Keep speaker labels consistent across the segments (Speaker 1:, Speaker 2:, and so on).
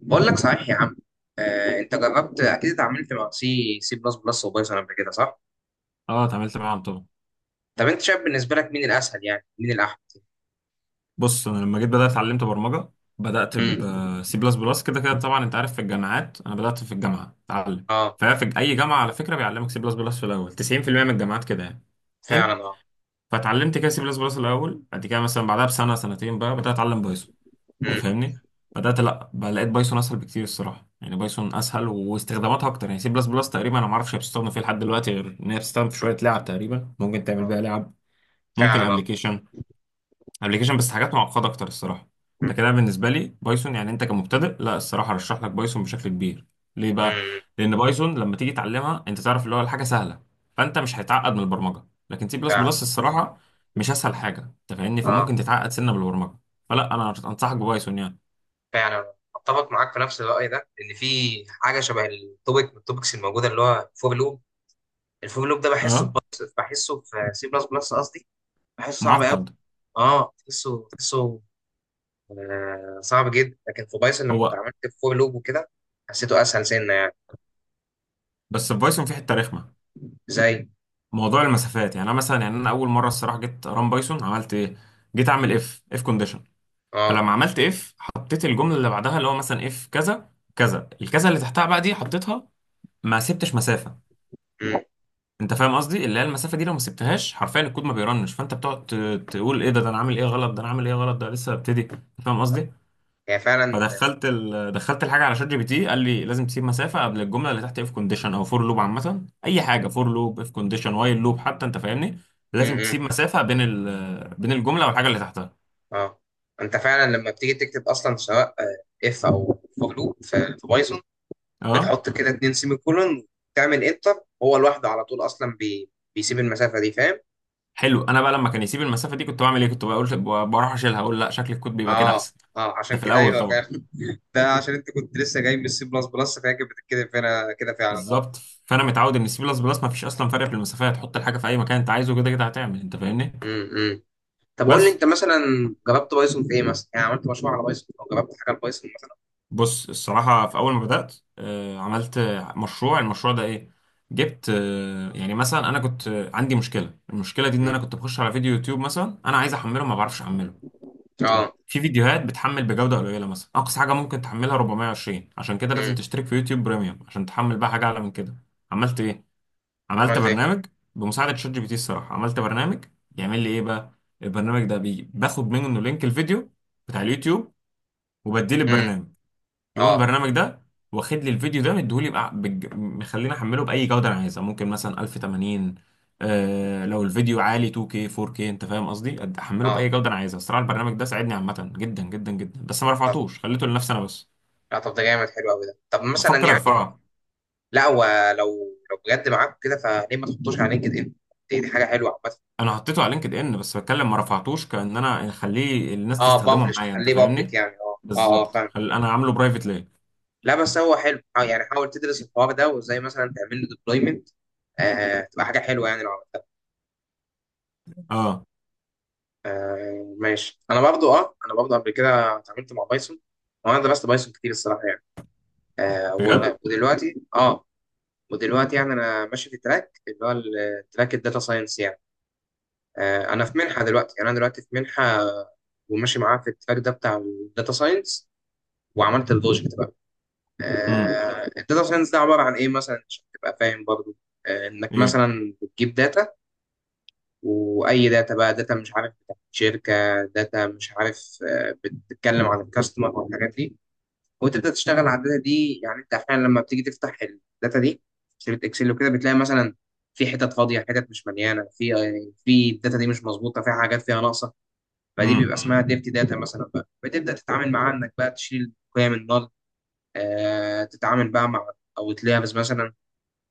Speaker 1: بقول لك صحيح يا عم. انت جربت اكيد اتعاملت مع سي بلس بلس وبايثون قبل كده صح؟
Speaker 2: اه، اتعاملت معاهم طبعا.
Speaker 1: طب انت شايف بالنسبه لك مين الاسهل؟ يعني مين الاحسن؟
Speaker 2: بص، انا لما جيت بدات اتعلمت برمجه، بدات
Speaker 1: امم
Speaker 2: بسي بلس بلس. كده كده طبعا انت عارف في الجامعات، انا بدات في الجامعه اتعلم.
Speaker 1: اه،
Speaker 2: ففي اي جامعه على فكره بيعلمك سي بلس بلس في الاول، 90% من الجامعات كده يعني. حلو.
Speaker 1: فعلا. اه
Speaker 2: فاتعلمت كده سي بلس بلس الاول، بعد كده مثلا بعدها بسنه سنتين بقى بدات اتعلم بايثون. انت
Speaker 1: امم
Speaker 2: فاهمني؟ لا بقى، لقيت بايثون اسهل بكتير الصراحه. يعني بايثون اسهل واستخداماتها اكتر، يعني سي بلس بلس تقريبا انا ما اعرفش هي بتستخدم فيه لحد دلوقتي، غير ان هي بتستخدم في شويه لعب. تقريبا ممكن تعمل
Speaker 1: اه
Speaker 2: بيها لعب، ممكن
Speaker 1: فعلا اه.
Speaker 2: ابلكيشن. ابلكيشن بس حاجات معقده اكتر الصراحه. انت كده بالنسبه لي بايثون، يعني انت كمبتدئ، لا الصراحه ارشح لك بايثون بشكل كبير. ليه بقى؟
Speaker 1: امم
Speaker 2: لان بايثون لما تيجي تعلمها انت تعرف اللي هو الحاجه سهله، فانت مش هيتعقد من البرمجه. لكن سي بلس
Speaker 1: فعلا
Speaker 2: بلس الصراحه مش اسهل حاجه، انت فاهمني؟
Speaker 1: اه.
Speaker 2: فممكن تتعقد سنه بالبرمجه، فلا انا انصحك ببايثون يعني.
Speaker 1: فعلا آه. اتفق معاك في نفس الراي ده، ان في حاجه شبه التوبيك من التوبكس الموجوده، اللي هو الفور لوب. الفور لوب ده بحسه في
Speaker 2: اه
Speaker 1: بلس، بحسه في سي بلس بلس قصدي. بحسه صعب قوي.
Speaker 2: معقد.
Speaker 1: اه تحسه، آه، صعب جدا. لكن في بايثون لما
Speaker 2: هو
Speaker 1: اتعاملت في فور لوب وكده حسيته اسهل سنه يعني.
Speaker 2: بس في بايثون في حته رخمه:
Speaker 1: زي
Speaker 2: موضوع المسافات. يعني انا مثلا، يعني انا اول مره الصراحه جيت ران بايثون عملت ايه؟ جيت اعمل اف كونديشن،
Speaker 1: اه.
Speaker 2: فلما عملت اف حطيت الجمله اللي بعدها اللي هو مثلا اف كذا كذا الكذا اللي تحتها بقى دي حطيتها، ما سبتش مسافه.
Speaker 1: مم.
Speaker 2: انت فاهم قصدي؟ اللي هي المسافه دي لو ما سبتهاش حرفيا الكود ما بيرنش، فانت بتقعد تقول ايه ده، ده انا عامل ايه غلط، ده انا عامل ايه غلط، ده لسه ببتدي. فاهم قصدي؟
Speaker 1: يعني فعلا.
Speaker 2: فدخلت دخلت الحاجه على شات جي بي تي، قال لي لازم تسيب مسافه قبل الجمله اللي تحت اف كونديشن او فور لوب، عامه اي حاجه، فور لوب، اف كونديشن، وايل لوب حتى، انت فاهمني؟
Speaker 1: مم.
Speaker 2: لازم
Speaker 1: مم.
Speaker 2: تسيب مسافه بين بين الجمله والحاجه اللي تحتها.
Speaker 1: اه، انت فعلا لما بتيجي تكتب اصلا، سواء اف او فور لوب في بايثون،
Speaker 2: اه.
Speaker 1: بتحط كده اتنين سيمي كولون، تعمل انتر هو لوحده على طول اصلا. بيسيب المسافه دي، فاهم.
Speaker 2: حلو. انا بقى لما كان يسيب المسافه دي كنت بعمل ايه؟ كنت بقول بروح اشيلها، اقول لا شكل الكود بيبقى كده
Speaker 1: اه،
Speaker 2: احسن.
Speaker 1: اه عشان
Speaker 2: ده في
Speaker 1: كده،
Speaker 2: الاول
Speaker 1: ايوه
Speaker 2: طبعا.
Speaker 1: فاهم. ده عشان انت كنت لسه جاي من السي بلس بلس، فهي كانت بتتكتب هنا كده فعلا اه.
Speaker 2: بالظبط. فانا متعود ان السي بلس بلس ما فيش اصلا فرق في المسافات، حط الحاجه في اي مكان انت عايزه كده كده هتعمل، انت فاهمني؟
Speaker 1: مم. طب قول لي
Speaker 2: بس
Speaker 1: انت مثلا جربت بايثون في ايه مثلا؟ يعني عملت مشروع على بايثون او جربت حاجه على بايثون مثلا؟
Speaker 2: بص، الصراحه في اول ما بدات عملت مشروع. المشروع ده ايه؟ جبت، يعني مثلا انا كنت عندي مشكله. المشكله دي ان انا
Speaker 1: مم.
Speaker 2: كنت بخش على فيديو يوتيوب مثلا، انا عايز احمله ما بعرفش احمله.
Speaker 1: اه.
Speaker 2: في فيديوهات بتحمل بجودة قليلة، مثلا أقصى حاجة ممكن تحملها 420، عشان كده لازم
Speaker 1: امم
Speaker 2: تشترك في يوتيوب بريميوم عشان تحمل بقى حاجة أعلى من كده. عملت إيه؟ عملت
Speaker 1: عملت ايه؟
Speaker 2: برنامج. بمساعدة شات جي بي تي الصراحة عملت برنامج، يعمل لي إيه بقى؟ البرنامج ده بي باخد منه لينك الفيديو بتاع اليوتيوب وبديه
Speaker 1: امم
Speaker 2: للبرنامج، يقوم
Speaker 1: اه.
Speaker 2: البرنامج ده واخد لي الفيديو ده مديهولي مخليني احمله باي جوده انا عايزها، ممكن مثلا 1080. آه، لو الفيديو عالي 2K 4K انت فاهم قصدي، احمله
Speaker 1: اه،
Speaker 2: باي جوده انا عايزها. الصراحه البرنامج ده ساعدني عامه جدا جدا جدا، بس ما رفعتوش، خليته لنفسي انا بس.
Speaker 1: لا طب ده جامد، حلو قوي ده. طب مثلا
Speaker 2: بفكر
Speaker 1: يعني
Speaker 2: ارفعه.
Speaker 1: لا هو لو لو بجد معاك كده، فليه ما تحطوش على لينكد ان؟ دي حاجه حلوه عامه.
Speaker 2: انا حطيته على لينكد ان بس بتكلم، ما رفعتوش كان انا اخليه الناس
Speaker 1: اه،
Speaker 2: تستخدمه
Speaker 1: بابلش
Speaker 2: معايا، انت
Speaker 1: تخليه بابليك
Speaker 2: فاهمني؟
Speaker 1: يعني. اه اه اه
Speaker 2: بالظبط.
Speaker 1: فاهم.
Speaker 2: انا عامله برايفت ليه.
Speaker 1: لا بس هو حلو اه، يعني حاول تدرس الحوار ده وازاي مثلا تعمل له ديبلويمنت. آه تبقى حاجه حلوه يعني لو عملتها.
Speaker 2: اه.
Speaker 1: آه ماشي، انا برضو اه، انا برضو قبل كده اتعاملت مع بايثون، وانا درست بايثون كتير الصراحه يعني.
Speaker 2: بجد.
Speaker 1: ودلوقتي اه، ودلوقتي يعني انا ماشي في تراك، اللي هو التراك الداتا ساينس يعني. آه انا في منحه دلوقتي، يعني انا دلوقتي في منحه، وماشي معاها في التراك ده بتاع الداتا ساينس، وعملت البروجكت بقى.
Speaker 2: امم.
Speaker 1: آه الداتا ساينس ده عباره عن ايه مثلا؟ عشان تبقى فاهم برضو، آه انك
Speaker 2: ايه.
Speaker 1: مثلا بتجيب داتا، واي داتا بقى، داتا مش عارف بتاعت شركه، داتا مش عارف، بتتكلم عن الكاستمر والحاجات دي، وتبدا تشتغل على الداتا دي. يعني انت احيانا لما بتيجي تفتح الداتا دي في شريط اكسل وكده، بتلاقي مثلا في حتت فاضيه، حتت مش مليانه، في في الداتا دي مش مظبوطه، فيها حاجات، فيها ناقصه، فدي
Speaker 2: امم.
Speaker 1: بيبقى اسمها ديرتي داتا. مثلا بقى بتبدا تتعامل معاها، انك بقى تشيل قيم النال، آه تتعامل بقى مع اوتلايرز مثلا،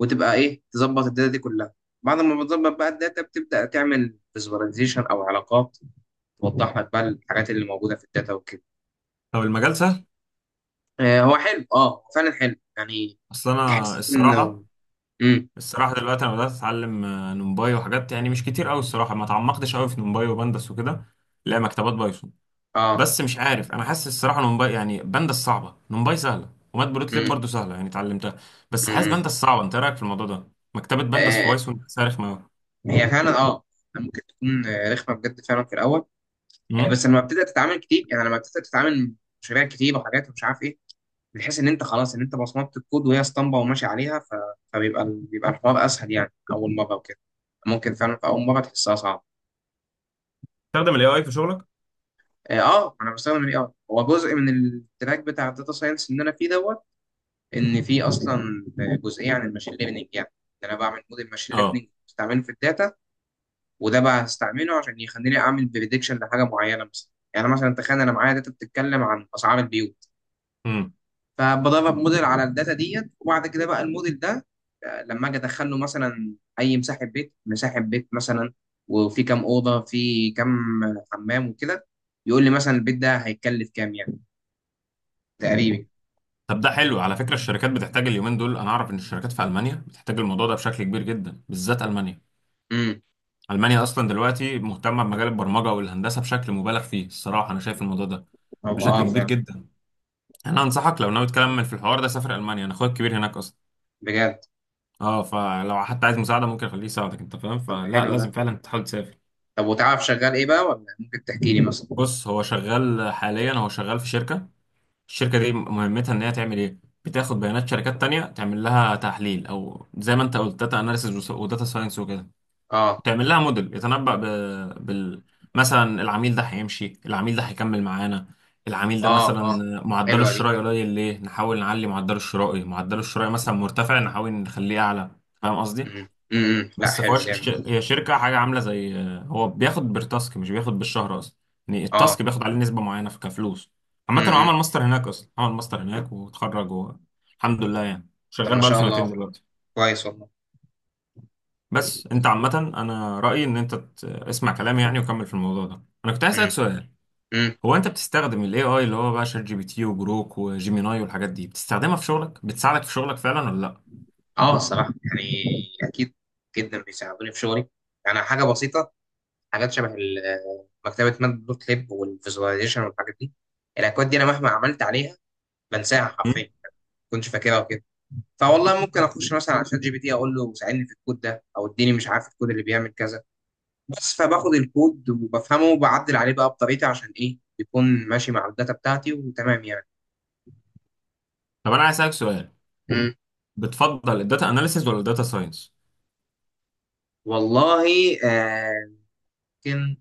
Speaker 1: وتبقى ايه تظبط الداتا دي كلها. بعد ما بتظبط بقى الداتا، بتبدا تعمل فيزواليزيشن او علاقات توضح لك بقى الحاجات اللي موجوده في الداتا وكده.
Speaker 2: طب المجال سهل؟
Speaker 1: آه هو حلو، اه هو فعلا حلو يعني،
Speaker 2: اصل انا
Speaker 1: تحس انه
Speaker 2: الصراحه،
Speaker 1: امم
Speaker 2: الصراحة دلوقتي أنا بدأت أتعلم نمباي وحاجات، يعني مش كتير أوي الصراحة، ما تعمقتش أوي في نمباي وبندس وكده. لا، مكتبات بايثون،
Speaker 1: اه.
Speaker 2: بس مش عارف. أنا حاسس الصراحة نمباي، يعني بندس صعبة، نمباي سهلة، ومات بروتليب
Speaker 1: امم
Speaker 2: برضه سهلة يعني اتعلمتها، بس حاسس
Speaker 1: امم
Speaker 2: بندس صعبة. أنت إيه رأيك في الموضوع ده؟ مكتبة بندس في
Speaker 1: آه.
Speaker 2: بايثون صارخ ما.
Speaker 1: هي فعلا اه، ممكن تكون رخمه بجد فعلا في الاول يعني.
Speaker 2: أمم.
Speaker 1: بس لما بتبدا تتعامل كتير، يعني لما بتبدا تتعامل مشاريع كتير وحاجات ومش عارف ايه، بتحس ان انت خلاص، ان انت بصمت الكود وهي اسطمبه وماشي عليها، فبيبقى بيبقى الحوار اسهل يعني. اول مره وكده ممكن فعلا في اول مره تحسها صعبه.
Speaker 2: تستخدم الاي اي في شغلك؟
Speaker 1: اه، انا بستخدم الاي اي. هو جزء من التراك بتاع الداتا ساينس اللي انا فيه دوت. ان في اصلا جزئيه عن الماشين ليرنينج يعني، ان انا بعمل موديل ماشين
Speaker 2: أه.
Speaker 1: ليرنينج بستعمله في الداتا. وده بقى هستعمله عشان يخليني اعمل بريدكشن لحاجه معينه مثلا. يعني مثلا تخيل انا معايا داتا بتتكلم عن اسعار البيوت،
Speaker 2: أمم.
Speaker 1: فبدرب موديل على الداتا ديت، وبعد كده بقى الموديل ده، لما اجي ادخل له مثلا اي مساحه بيت، مساحه بيت مثلا، وفي كام اوضه، في كام حمام وكده، يقول لي مثلا البيت ده هيتكلف كام يعني تقريبا.
Speaker 2: طب ده حلو على فكرة، الشركات بتحتاج اليومين دول. أنا أعرف إن الشركات في ألمانيا بتحتاج الموضوع ده بشكل كبير جدا، بالذات ألمانيا.
Speaker 1: امم
Speaker 2: ألمانيا أصلا دلوقتي مهتمة بمجال البرمجة والهندسة بشكل مبالغ فيه الصراحة، أنا شايف الموضوع ده
Speaker 1: طب
Speaker 2: بشكل
Speaker 1: اه
Speaker 2: كبير
Speaker 1: فعلا.
Speaker 2: جدا. أنا أنصحك لو ناوي تكمل في الحوار ده سافر ألمانيا، أنا أخويا الكبير هناك أصلا.
Speaker 1: بجد.
Speaker 2: أه، فلو حتى عايز مساعدة ممكن أخليه يساعدك، أنت فاهم؟
Speaker 1: طب
Speaker 2: فلا،
Speaker 1: حلو
Speaker 2: لازم
Speaker 1: ده،
Speaker 2: فعلا تحاول تسافر.
Speaker 1: طب وتعرف شغال ايه بقى؟ ولا ممكن تحكي لي مثلا؟
Speaker 2: بص، هو شغال حاليا، هو شغال في شركة. الشركة دي مهمتها إن هي تعمل إيه؟ بتاخد بيانات شركات تانية تعمل لها تحليل، أو زي ما أنت قلت داتا أناليسيز وداتا ساينس وكده.
Speaker 1: اه،
Speaker 2: تعمل لها موديل يتنبأ ب... بال مثلا العميل ده هيمشي، العميل ده هيكمل معانا، العميل ده
Speaker 1: اه،
Speaker 2: مثلا
Speaker 1: اه.
Speaker 2: معدله
Speaker 1: حلوه دي.
Speaker 2: الشرائي قليل ليه، نحاول نعلي معدله الشرائي، معدله الشرائي مثلا مرتفع نحاول نخليه اعلى. فاهم قصدي؟
Speaker 1: لا
Speaker 2: بس
Speaker 1: حلو
Speaker 2: فواش
Speaker 1: جامد.
Speaker 2: هي شركة حاجة عاملة زي، هو بياخد بالتاسك مش بياخد بالشهر اصلا، يعني
Speaker 1: اه.
Speaker 2: التاسك بياخد عليه نسبة معينة في كفلوس. عامة هو
Speaker 1: امم
Speaker 2: عمل ماستر هناك اصلا، عمل ماستر هناك واتخرج و... الحمد لله، يعني
Speaker 1: طب
Speaker 2: شغال
Speaker 1: ما
Speaker 2: بقاله
Speaker 1: شاء
Speaker 2: سنتين
Speaker 1: الله،
Speaker 2: دلوقتي.
Speaker 1: كويس والله.
Speaker 2: بس انت عامة انا رأيي ان انت اسمع كلامي يعني، وكمل في الموضوع ده. انا كنت عايز اسألك
Speaker 1: امم
Speaker 2: سؤال: هو انت بتستخدم الاي اي اللي هو بقى شات جي بي تي وجروك وجيميناي والحاجات دي، بتستخدمها في شغلك، بتساعدك في شغلك فعلا ولا لا؟
Speaker 1: اه الصراحه يعني اكيد جدا بيساعدوني في شغلي. يعني حاجه بسيطه، حاجات شبه مكتبه ماده دوت ليب والفيزواليزيشن والحاجات دي، الاكواد دي انا مهما عملت عليها بنساها حرفيا،
Speaker 2: مم؟
Speaker 1: ما كنتش فاكرها وكده. فوالله ممكن اخش مثلا على شات جي بي تي اقول له ساعدني في الكود ده، او اديني مش عارف الكود اللي بيعمل كذا، بس فباخد الكود وبفهمه وبعدل عليه بقى بطريقتي، عشان ايه يكون ماشي مع الداتا بتاعتي وتمام يعني.
Speaker 2: طب انا عايز اسألك سؤال.
Speaker 1: مم.
Speaker 2: بتفضل الداتا اناليسيز ولا الداتا ساينس؟
Speaker 1: والله آه، ممكن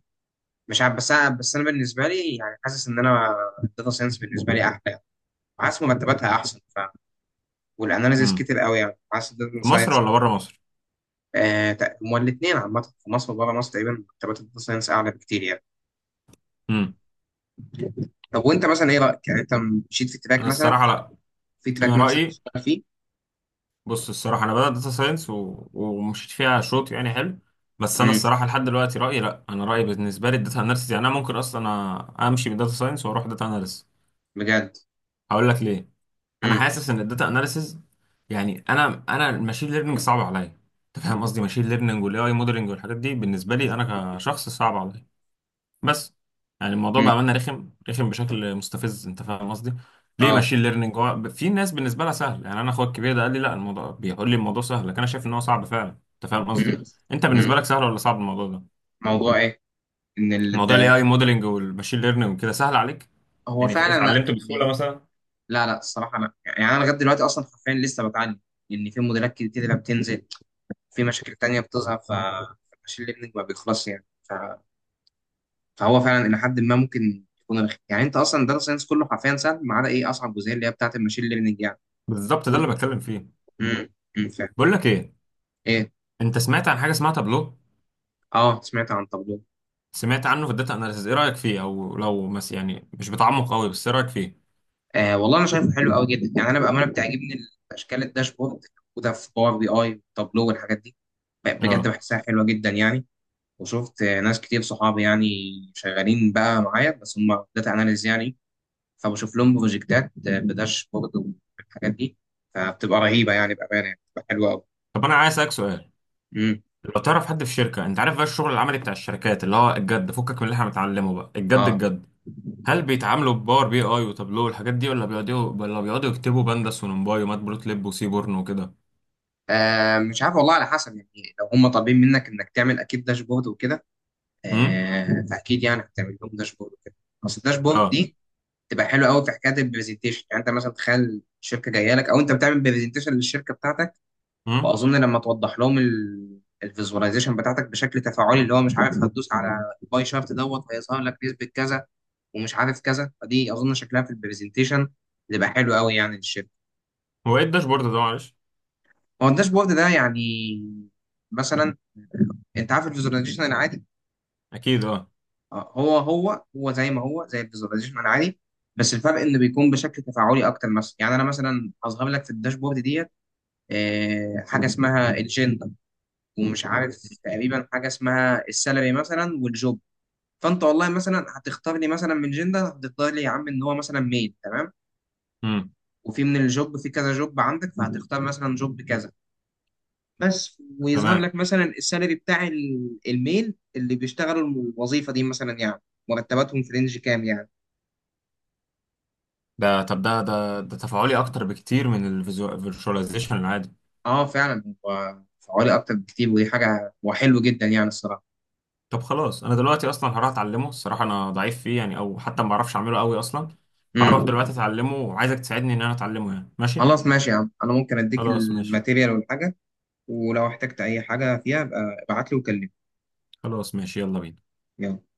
Speaker 1: مش عارف، بس انا بالنسبه لي يعني حاسس ان انا الداتا ساينس بالنسبه لي احلى، حاسس مرتباتها احسن، والاناليزيز
Speaker 2: امم.
Speaker 1: كتير قوي يعني، حاسس الداتا
Speaker 2: في مصر
Speaker 1: ساينس
Speaker 2: ولا بره مصر؟
Speaker 1: هما الاثنين عامه في مصر وبره مصر تقريبا مرتبات الداتا ساينس اعلى بكتير يعني.
Speaker 2: امم.
Speaker 1: طب وانت مثلا ايه رايك يعني؟ انت مشيت في تراك
Speaker 2: انا
Speaker 1: مثلا،
Speaker 2: الصراحة لا،
Speaker 1: في تراك
Speaker 2: انا
Speaker 1: نفسك
Speaker 2: رأيي،
Speaker 1: تشتغل فيه؟
Speaker 2: بص الصراحة أنا بدأت داتا ساينس و... ومشيت فيها شوط يعني حلو. بس أنا
Speaker 1: امم
Speaker 2: الصراحة لحد دلوقتي رأيي لأ، أنا رأيي بالنسبة لي الداتا أناليسيس. يعني أنا ممكن أصلا أمشي من داتا ساينس وأروح داتا أناليسيس.
Speaker 1: بجد.
Speaker 2: هقول لك ليه. أنا
Speaker 1: امم
Speaker 2: حاسس إن الداتا أناليسيس، يعني أنا الماشين ليرنينج صعب عليا. أنت فاهم قصدي؟ ماشين ليرنينج والأي أي موديلنج والحاجات دي بالنسبة لي أنا كشخص صعب عليا. بس يعني الموضوع
Speaker 1: امم
Speaker 2: بأمانة رخم، رخم بشكل مستفز، انت فاهم قصدي؟ ليه
Speaker 1: اه.
Speaker 2: ماشين ليرنينج هو في ناس بالنسبة لها سهل، يعني انا اخويا الكبير ده قال لي لا الموضوع، بيقول لي الموضوع سهل، لكن انا شايف ان هو صعب فعلا. انت فاهم قصدي؟
Speaker 1: امم
Speaker 2: انت
Speaker 1: امم
Speaker 2: بالنسبة لك سهل ولا صعب الموضوع ده؟
Speaker 1: موضوع ايه؟ ان ال...
Speaker 2: موضوع الاي اي
Speaker 1: ده-
Speaker 2: موديلنج والماشين ليرنينج وكده سهل عليك؟
Speaker 1: هو
Speaker 2: يعني
Speaker 1: فعلا لا
Speaker 2: اتعلمته بسهولة
Speaker 1: يعني.
Speaker 2: مثلا؟
Speaker 1: لا لا، الصراحه لا يعني، انا لغايه دلوقتي اصلا حرفيا لسه بتعلم، لان في موديلات كتير بتنزل، في مشاكل تانية بتظهر، فالمشي اللي ابنك ما بيخلصش يعني، فهو فعلا إلى حد ما ممكن يكون رخي يعني. أنت أصلا داتا ساينس كله حرفيا سهل، ما عدا إيه أصعب جزئية اللي هي بتاعة الماشين ليرنينج يعني.
Speaker 2: بالظبط ده اللي بتكلم فيه.
Speaker 1: امم فاهم.
Speaker 2: بقول لك ايه،
Speaker 1: إيه.
Speaker 2: انت سمعت عن حاجة اسمها تابلو؟
Speaker 1: أه سمعت عن تابلو.
Speaker 2: سمعت عنه في الداتا اناليسيز، ايه رأيك فيه؟ او لو مس، يعني مش بتعمق قوي، بس ايه رأيك فيه؟
Speaker 1: آه والله أنا شايفه حلو قوي جدا يعني، أنا بأمانة بتعجبني أشكال الداشبورد، وده في باور بي أي وتابلو والحاجات دي. بجد
Speaker 2: اه.
Speaker 1: بحسها حلوة جدا يعني. وشفت ناس كتير، صحابي يعني شغالين بقى معايا بس هم داتا أناليز يعني، فبشوف لهم بروجكتات بداشبورد والحاجات دي، فبتبقى رهيبه يعني، بامانه يعني بتبقى حلوه قوي.
Speaker 2: طب انا عايز اسالك سؤال،
Speaker 1: امم
Speaker 2: لو تعرف حد في شركة، انت عارف بقى الشغل العملي بتاع الشركات اللي هو الجد، فكك من اللي احنا بنتعلمه بقى، الجد
Speaker 1: اه.
Speaker 2: الجد، هل بيتعاملوا بباور بي اي وتابلو والحاجات دي، ولا بيقعدوا، ولا بيقعدوا يكتبوا بندس ونمباي ومات بلوتليب وسيبورن وكده؟
Speaker 1: مش عارف والله، على حسب يعني. لو هم طالبين منك انك تعمل اكيد داشبورد وكده،
Speaker 2: امم.
Speaker 1: آه فاكيد يعني هتعمل لهم داشبورد وكده. بس الداشبورد
Speaker 2: اه.
Speaker 1: دي تبقى حلوه قوي في حكايه البرزنتيشن يعني. انت مثلا تخيل الشركه جايه لك، او انت بتعمل برزنتيشن للشركه بتاعتك،
Speaker 2: امم.
Speaker 1: واظن لما توضح لهم الفيزواليزيشن بتاعتك بشكل تفاعلي، اللي هو مش عارف هتدوس على الباي شارت دوت هيظهر لك نسبه كذا، ومش عارف كذا، فدي اظن شكلها في البرزنتيشن تبقى حلو قوي يعني للشركه.
Speaker 2: هو ايه الداشبورد ده معلش؟
Speaker 1: هو الداشبورد ده يعني مثلا، انت عارف الفيزواليزيشن العادي؟
Speaker 2: اكيد اه.
Speaker 1: هو زي ما هو، زي الفيزواليزيشن العادي، بس الفرق انه بيكون بشكل تفاعلي اكتر. مثلا يعني انا مثلا هظهر لك في الداشبورد ديت حاجه اسمها الجندا، ومش عارف، تقريبا حاجه اسمها السالري مثلا والجوب. فانت والله مثلا هتختار لي مثلا من جندا، هتختار لي يا عم ان هو مثلا ميل تمام،
Speaker 2: امم.
Speaker 1: وفي من الجوب في كذا جوب عندك، فهتختار مثلا جوب كذا بس، ويظهر
Speaker 2: تمام.
Speaker 1: لك مثلا السالري بتاع الميل اللي بيشتغلوا الوظيفه دي مثلا يعني، مرتباتهم في رينج كام يعني.
Speaker 2: ده طب ده تفاعلي اكتر بكتير من الفيرشواليزيشن العادي.
Speaker 1: اه فعلا، هو فعالي اكتر بكتير، ودي حاجه وحلو جدا يعني الصراحه.
Speaker 2: طب خلاص، انا دلوقتي اصلا هروح اتعلمه، الصراحة انا ضعيف فيه يعني، او حتى ما بعرفش اعمله قوي اصلا. فهروح دلوقتي
Speaker 1: امم
Speaker 2: اتعلمه، وعايزك تساعدني ان انا اتعلمه، يعني ماشي؟
Speaker 1: خلاص ماشي يا عم، انا ممكن اديك
Speaker 2: خلاص ماشي.
Speaker 1: الماتيريال والحاجه، ولو احتجت اي حاجه فيها ابقى ابعت لي وكلمني.
Speaker 2: خلاص ماشي، يلا بينا.
Speaker 1: يلا.